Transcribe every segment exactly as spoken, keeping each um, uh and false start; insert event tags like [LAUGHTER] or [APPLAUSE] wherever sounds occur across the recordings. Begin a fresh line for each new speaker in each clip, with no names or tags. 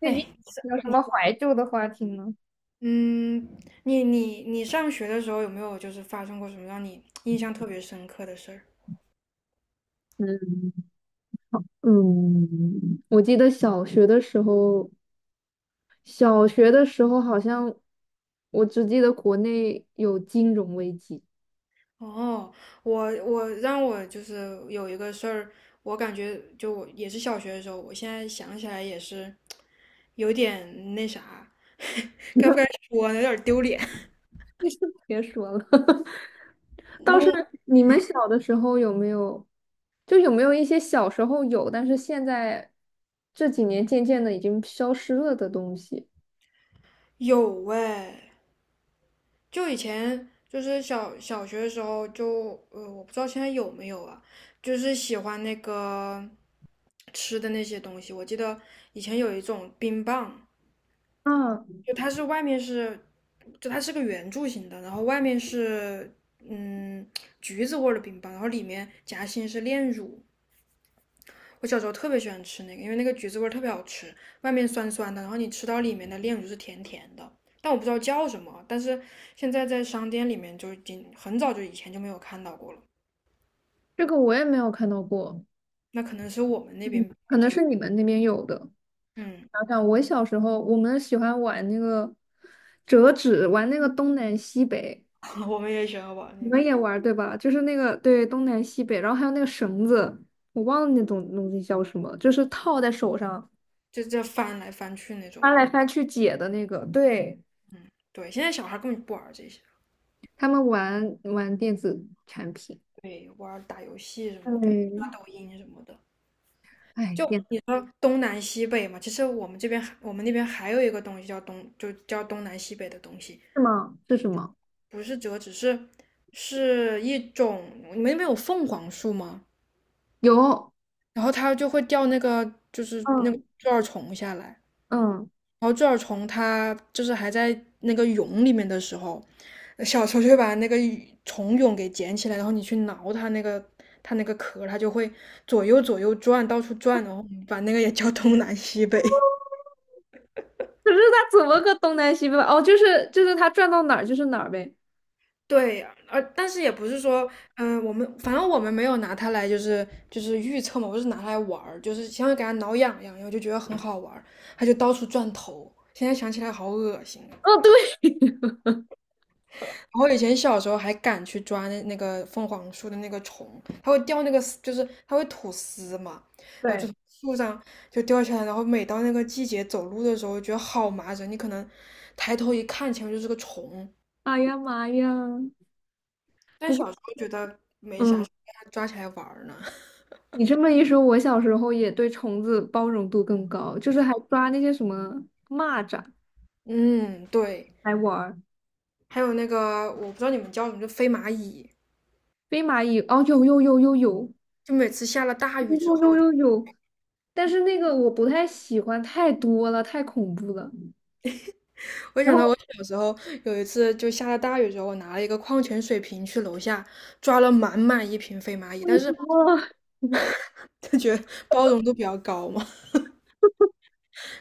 最
哎，
近有什么怀旧的话题吗？
嗯，你你你上学的时候有没有就是发生过什么让你印象特别深刻的事儿？
嗯嗯，我记得小学的时候，小学的时候好像我只记得国内有金融危机。
哦，我我让我就是有一个事儿，我感觉就我也是小学的时候，我现在想起来也是有点那啥，[LAUGHS] 该不该说呢？有点儿丢脸。
[LAUGHS] 你就别说了，[LAUGHS] 倒是你们小的时候有没有，就有没有一些小时候有，但是现在这几年渐渐的已经消失了的东西？
有哎。就以前就是小小学的时候就，呃，我不知道现在有没有啊，就是喜欢那个吃的那些东西。我记得以前有一种冰棒，
啊，
就它是外面是，就它是个圆柱形的，然后外面是嗯橘子味儿的冰棒，然后里面夹心是炼乳。我小时候特别喜欢吃那个，因为那个橘子味儿特别好吃，外面酸酸的，然后你吃到里面的炼乳是甜甜的，但我不知道叫什么啊，但是现在在商店里面就已经很早就以前就没有看到过了，
这个我也没有看到过，
那可能是我们那
嗯，
边比
可能
较，
是你们那边有的。
嗯。
想想，我小时候我们喜欢玩那个折纸，玩那个东南西北，
[LAUGHS] 我们也喜欢玩
你
那
们
个，
也玩儿对吧？就是那个对东南西北，然后还有那个绳子，我忘了那种东西叫什么，就是套在手上
就这翻来翻去那种
翻
嘛，
来翻去解的那个。对，
嗯，对，现在小孩根本不玩这些
他们玩玩电子产品。嗯，
那什么的。
哎，
就
天，
你说东南西北嘛，其实我们这边我们那边还有一个东西叫东，就叫东南西北的东西，
是吗？是什么？
不是折纸，是是一种。你们那边有凤凰树吗？
有，
然后它就会掉那个就是那个
嗯
猪耳虫下来，
嗯，
然后猪耳虫它就是还在那个蛹里面的时候，呃小球就会把那个虫蛹给捡起来，然后你去挠它那个它那个壳，它就会左右左右转，到处转，然后把那个也叫东南西北。
可是他怎么个东南西北法哦，就是就是他转到哪儿就是哪儿呗。
对，而但是也不是说，嗯、我们反正我们没有拿它来就是就是预测嘛，我是拿它来玩儿，就是想给它挠痒痒，然后就觉得很好玩儿，它就到处转头。现在想起来好恶心啊。
哦，对。
然后以前小时候还敢去抓那那个凤凰树的那个虫，它会掉那个丝，就是它会吐丝嘛，然后就
对。
从树上就掉下来，然后每到那个季节走路的时候，觉得好麻人。你可能抬头一看，前面就是个虫，
哎呀妈呀！
但
不过。
小时候觉得没啥，
嗯，
给它抓起来玩儿呢。
你这么一说，我小时候也对虫子包容度更高，就是还抓那些什么蚂蚱
嗯，对。
来玩儿，
还有那个我不知道你们叫什么，就飞蚂蚁，
飞蚂蚁，哦，有有有有有
就每次下了大雨之
有
后，
有有有，但是那个我不太喜欢，太多了，太恐怖了。
我
然
想到
后
我小时候有一次就下了大雨之后，我拿了一个矿泉水瓶去楼下抓了满满一瓶飞蚂蚁，
为
但
什
是
么？[LAUGHS]
就觉得包容度比较高嘛，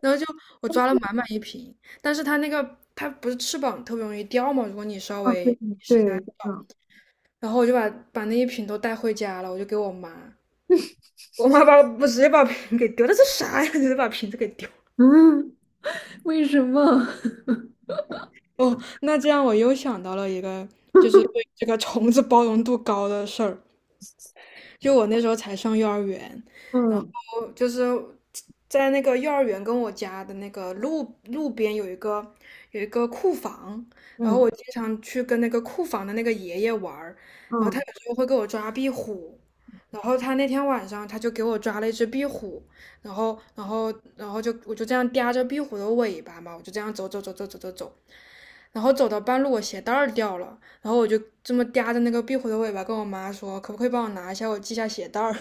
然后就我抓了满满一瓶，但是它那个它不是翅膀特别容易掉嘛，如果你稍
啊，对
微，
对，嗯
然后我就把把那一瓶都带回家了，我就给我妈，我妈把我直接把瓶给丢了，这啥呀？[LAUGHS] 直接把瓶子给丢。
嗯，[LAUGHS] 为什么？[LAUGHS]
哦，那这样我又想到了一个，就是对这个虫子包容度高的事儿。就我那时候才上幼儿园，然
嗯
后就是在那个幼儿园跟我家的那个路路边有一个有一个库房，然后
嗯
我经常去跟那个库房的那个爷爷玩儿，然后他
嗯，
有时候会给我抓壁虎。然后他那天晚上他就给我抓了一只壁虎，然后，然后，然后就我就这样叼着壁虎的尾巴嘛，我就这样走走走走走走走，然后走到半路我鞋带儿掉了，然后我就这么嗲着那个壁虎的尾巴跟我妈说，可不可以帮我拿一下，我系下鞋带儿。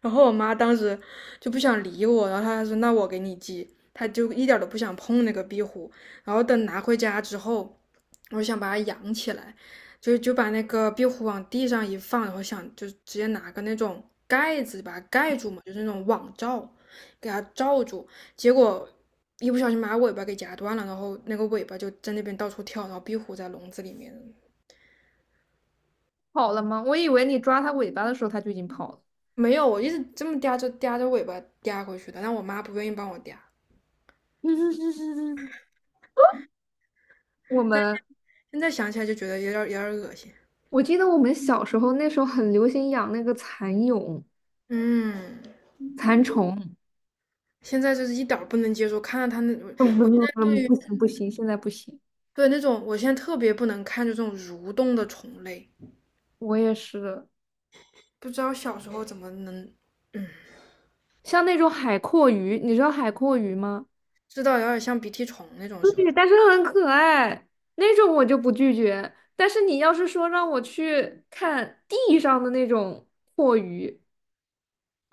然后我妈当时就不想理我，然后她说：“那我给你寄。”她就一点都不想碰那个壁虎。然后等拿回家之后，我想把它养起来，就就把那个壁虎往地上一放，然后想就直接拿个那种盖子把它盖住嘛，就是那种网罩，给它罩住。结果一不小心把它尾巴给夹断了，然后那个尾巴就在那边到处跳，然后壁虎在笼子里面。
跑了吗？我以为你抓它尾巴的时候，它就已经跑了。
没有，我一直这么嗲着嗲着尾巴嗲回去的，但我妈不愿意帮我嗲。
[LAUGHS] 我们。
现在想起来就觉得有点有点恶心。
我记得我们小时候那时候很流行养那个蚕蛹、
嗯，
蚕虫，
现在就是一点儿不能接受，看到它那，
嗯，不
我现
不
在
不，
对于
不行不行，现在不行。
对那种，我现在特别不能看就这种蠕动的虫类，
我也是，
不知道小时候怎么能。
像那种海蛞蝓，你知道海蛞蝓吗？
知道，有点像鼻涕虫那种是不
对，
是？
但是很可爱，那种我就不拒绝。但是你要是说让我去看地上的那种蛞鱼，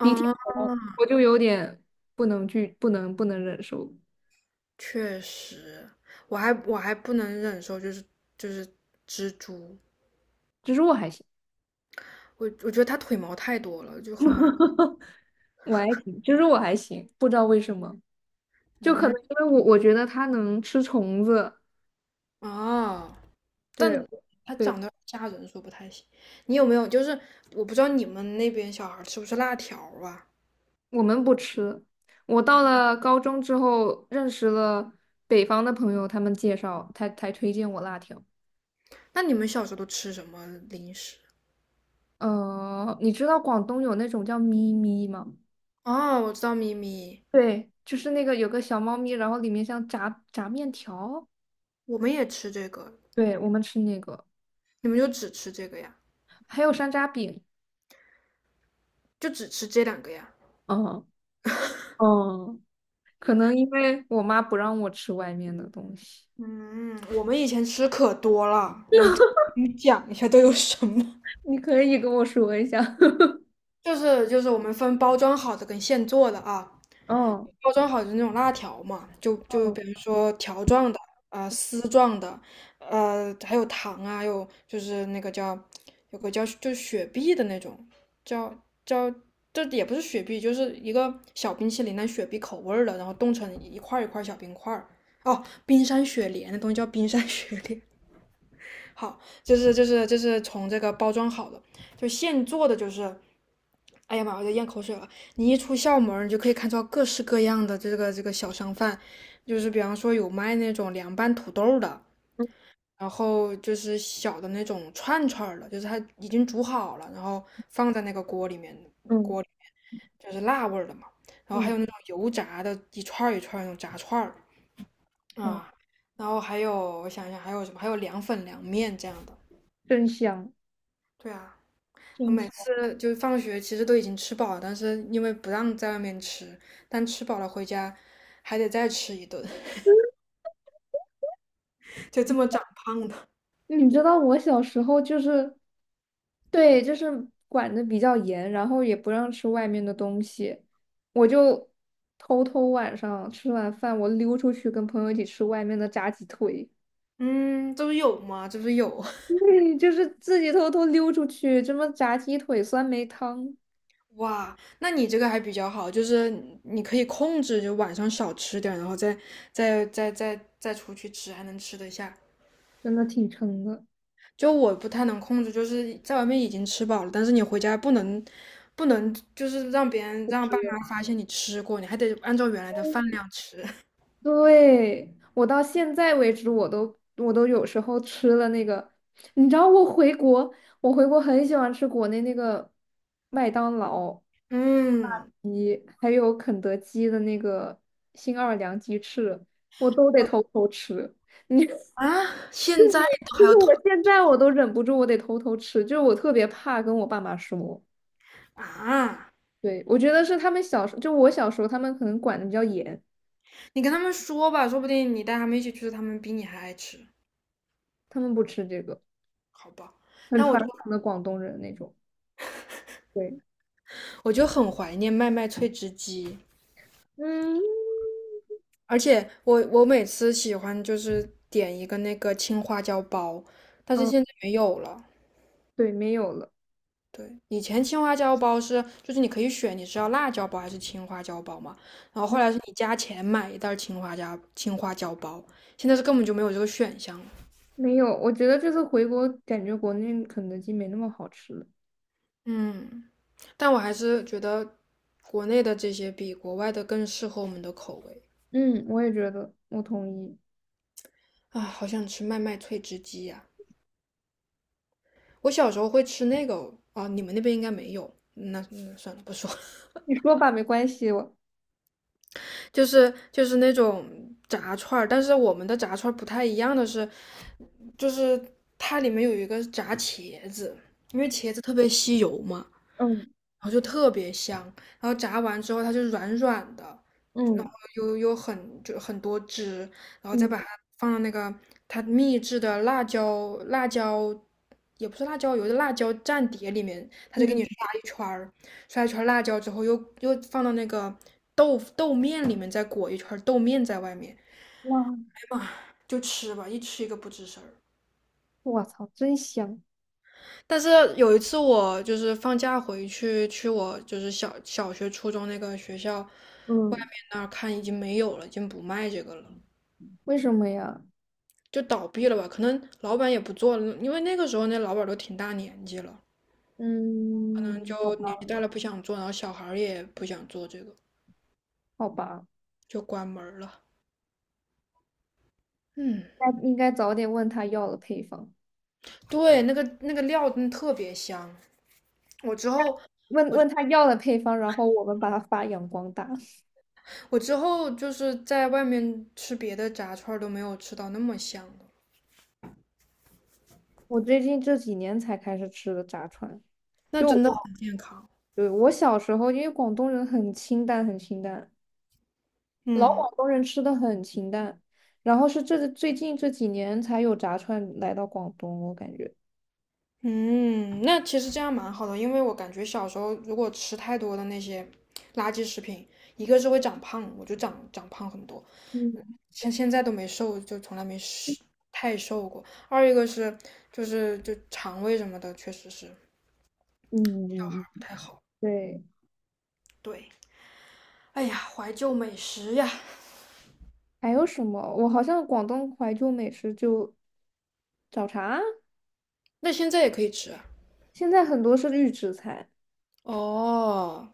鼻涕虫，我就有点不能拒，不能不能忍受。
确实。我还我还不能忍受就是就是蜘蛛，
蜘蛛我还行，
我我觉得它腿毛太多了，就很麻烦。
[LAUGHS] 我还行，蜘蛛我还行，不知道为什么。就可能
嗯，
因为我我觉得它能吃虫子，
哦。
对
但它
对，
长得吓人，说不太行。你有没有就是我不知道你们那边小孩吃不吃辣条啊？
我们不吃。我到了高中之后，认识了北方的朋友，他们介绍才才推荐我辣条。
那你们小时候都吃什么零食？
呃，你知道广东有那种叫咪咪吗？
哦，我知道咪咪，
对，就是那个有个小猫咪，然后里面像炸炸面条，
我们也吃这个，
对，我们吃那个，
你们就只吃这个呀？
还有山楂饼。
就只吃这两个呀？
嗯嗯，可能因为我妈不让我吃外面的东西。
嗯，我们以前吃可多了，我给你讲一下都有什么。
[LAUGHS] 你可以跟我说一下。[LAUGHS]
[LAUGHS] 就是就是我们分包装好的跟现做的啊，
嗯。
包装好的那种辣条嘛，就就比如说条状的啊、丝状的，呃，还有糖啊，还有就是那个叫有个叫就是雪碧的那种，叫叫这也不是雪碧，就是一个小冰淇淋，但雪碧口味儿的，然后冻成一块儿一块儿小冰块儿。哦，冰山雪莲，那东西叫冰山雪莲。好，就是就是就是从这个包装好的，就现做的，就是，哎呀妈，我在咽口水了。你一出校门你就可以看到各式各样的这个这个小商贩，就是比方说有卖那种凉拌土豆的，
嗯
然后就是小的那种串串的，就是它已经煮好了，然后放在那个锅里面，
嗯
锅里面就是辣味儿的嘛。然后还
嗯，
有那种油炸的，一串儿一串儿那种炸串儿
哇，
啊，然后还有我想一想还有什么，还有凉粉、凉面这样的。
真香！
对啊，我
真
每
香。
次就放学其实都已经吃饱了，但是因为不让在外面吃，但吃饱了回家还得再吃一顿，[LAUGHS] 就这么长胖的。
你知道我小时候就是，对，就是管的比较严，然后也不让吃外面的东西，我就偷偷晚上吃完饭，我溜出去跟朋友一起吃外面的炸鸡腿，
嗯，这不是有吗？这不是有。
[LAUGHS] 对，就是自己偷偷溜出去，这么炸鸡腿、酸梅汤，
[LAUGHS] 哇，那你这个还比较好，就是你可以控制，就晚上少吃点儿然后再再再再再出去吃，还能吃得下。
真的挺撑的。
就我不太能控制，就是在外面已经吃饱了，但是你回家不能不能，就是让别人让爸妈发现你吃过，你还得按照原来的饭量吃。[LAUGHS]
对，我到现在为止，我都我都有时候吃了那个，你知道我回国，我回国很喜欢吃国内那个麦当劳，
嗯。
还有肯德基的那个新奥尔良鸡翅，我都得偷偷吃。
啊，现在都
就
还要
是
团
我现在我都忍不住，我得偷偷吃，就是我特别怕跟我爸妈说。
啊？
对，我觉得是他们小时候，就我小时候，他们可能管的比较严，
你跟他们说吧，说不定你带他们一起去，他们比你还爱吃，
他们不吃这个，
好吧？
很
但我就
传统的广东人那种。对，
我就很怀念麦麦脆汁鸡，
嗯。
而且我我每次喜欢就是点一个那个青花椒包，但是现在没有了。
对，没有了，
对，以前青花椒包是就是你可以选你是要辣椒包还是青花椒包嘛，然后后
嗯
来是你加钱买一袋青花椒青花椒包，现在是根本就没有这个选项了。
没有。我觉得这次回国，感觉国内肯德基没那么好吃了。
嗯。但我还是觉得国内的这些比国外的更适合我们的口味。
嗯，我也觉得，我同意。
啊！好想吃麦麦脆汁鸡呀、啊。我小时候会吃那个啊，你们那边应该没有。那那算了，不说。
你说吧，没关系。我，
[LAUGHS] 就是就是那种炸串儿，但是我们的炸串儿不太一样的是，就是它里面有一个炸茄子，因为茄子特别吸油嘛，
嗯
然后就特别香。然后炸完之后它就软软的，
嗯
有有很就很多汁，然后再
嗯
把它放到那个它秘制的辣椒辣椒，也不是辣椒油的辣椒蘸碟里面，它就给
嗯，
你刷一圈儿，刷一圈儿辣椒之后又又放到那个豆腐豆面里面，再裹一圈儿豆面在外面，
哇，
哎妈，就吃吧，一吃一个不吱声儿。
我操，真香。
但是有一次我就是放假回去去我就是小小学初中那个学校外面
嗯，
那儿看已经没有了，已经不卖这个了。
为什么呀？
就倒闭了吧，可能老板也不做了，因为那个时候那老板都挺大年纪了，嗯，
嗯，好
就年纪
吧，
大了不想做，然后小孩儿也不想做这个，
好吧，
就关门儿了。嗯，
那应该早点问他要了配方，
对，那个那个料真的特别香，我之后
问
我
问他要了配方，然后我们把它发扬光大。[LAUGHS]
我之后就是在外面吃别的炸串儿都没有吃到那么香的，
我最近这几年才开始吃的炸串，
那
就
真的很
我。
健康。
对，我小时候，因为广东人很清淡，很清淡，老
嗯
广东人吃的很清淡，然后是这最近这几年才有炸串来到广东，我感觉。
嗯，那其实这样蛮好的，因为我感觉小时候如果吃太多的那些垃圾食品，一个是会长胖，我就长长胖很多。
嗯
像现在都没瘦，就从来没瘦太瘦过。二一个是就是就肠胃什么的，确实是
嗯
不
嗯嗯，
太好。
对，
对，哎呀，怀旧美食呀，
还有什么？我好像广东怀旧美食就早茶，
那现在也可以吃啊。
现在很多是预制菜，
哦，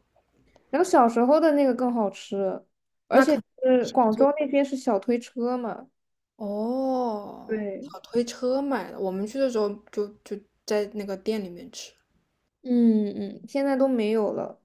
然后小时候的那个更好吃，而
那
且
可
是广
能就
州那边是小推车嘛，
哦，
对，
小推车买的，我们去的时候就就在那个店里面吃。
嗯嗯，现在都没有了。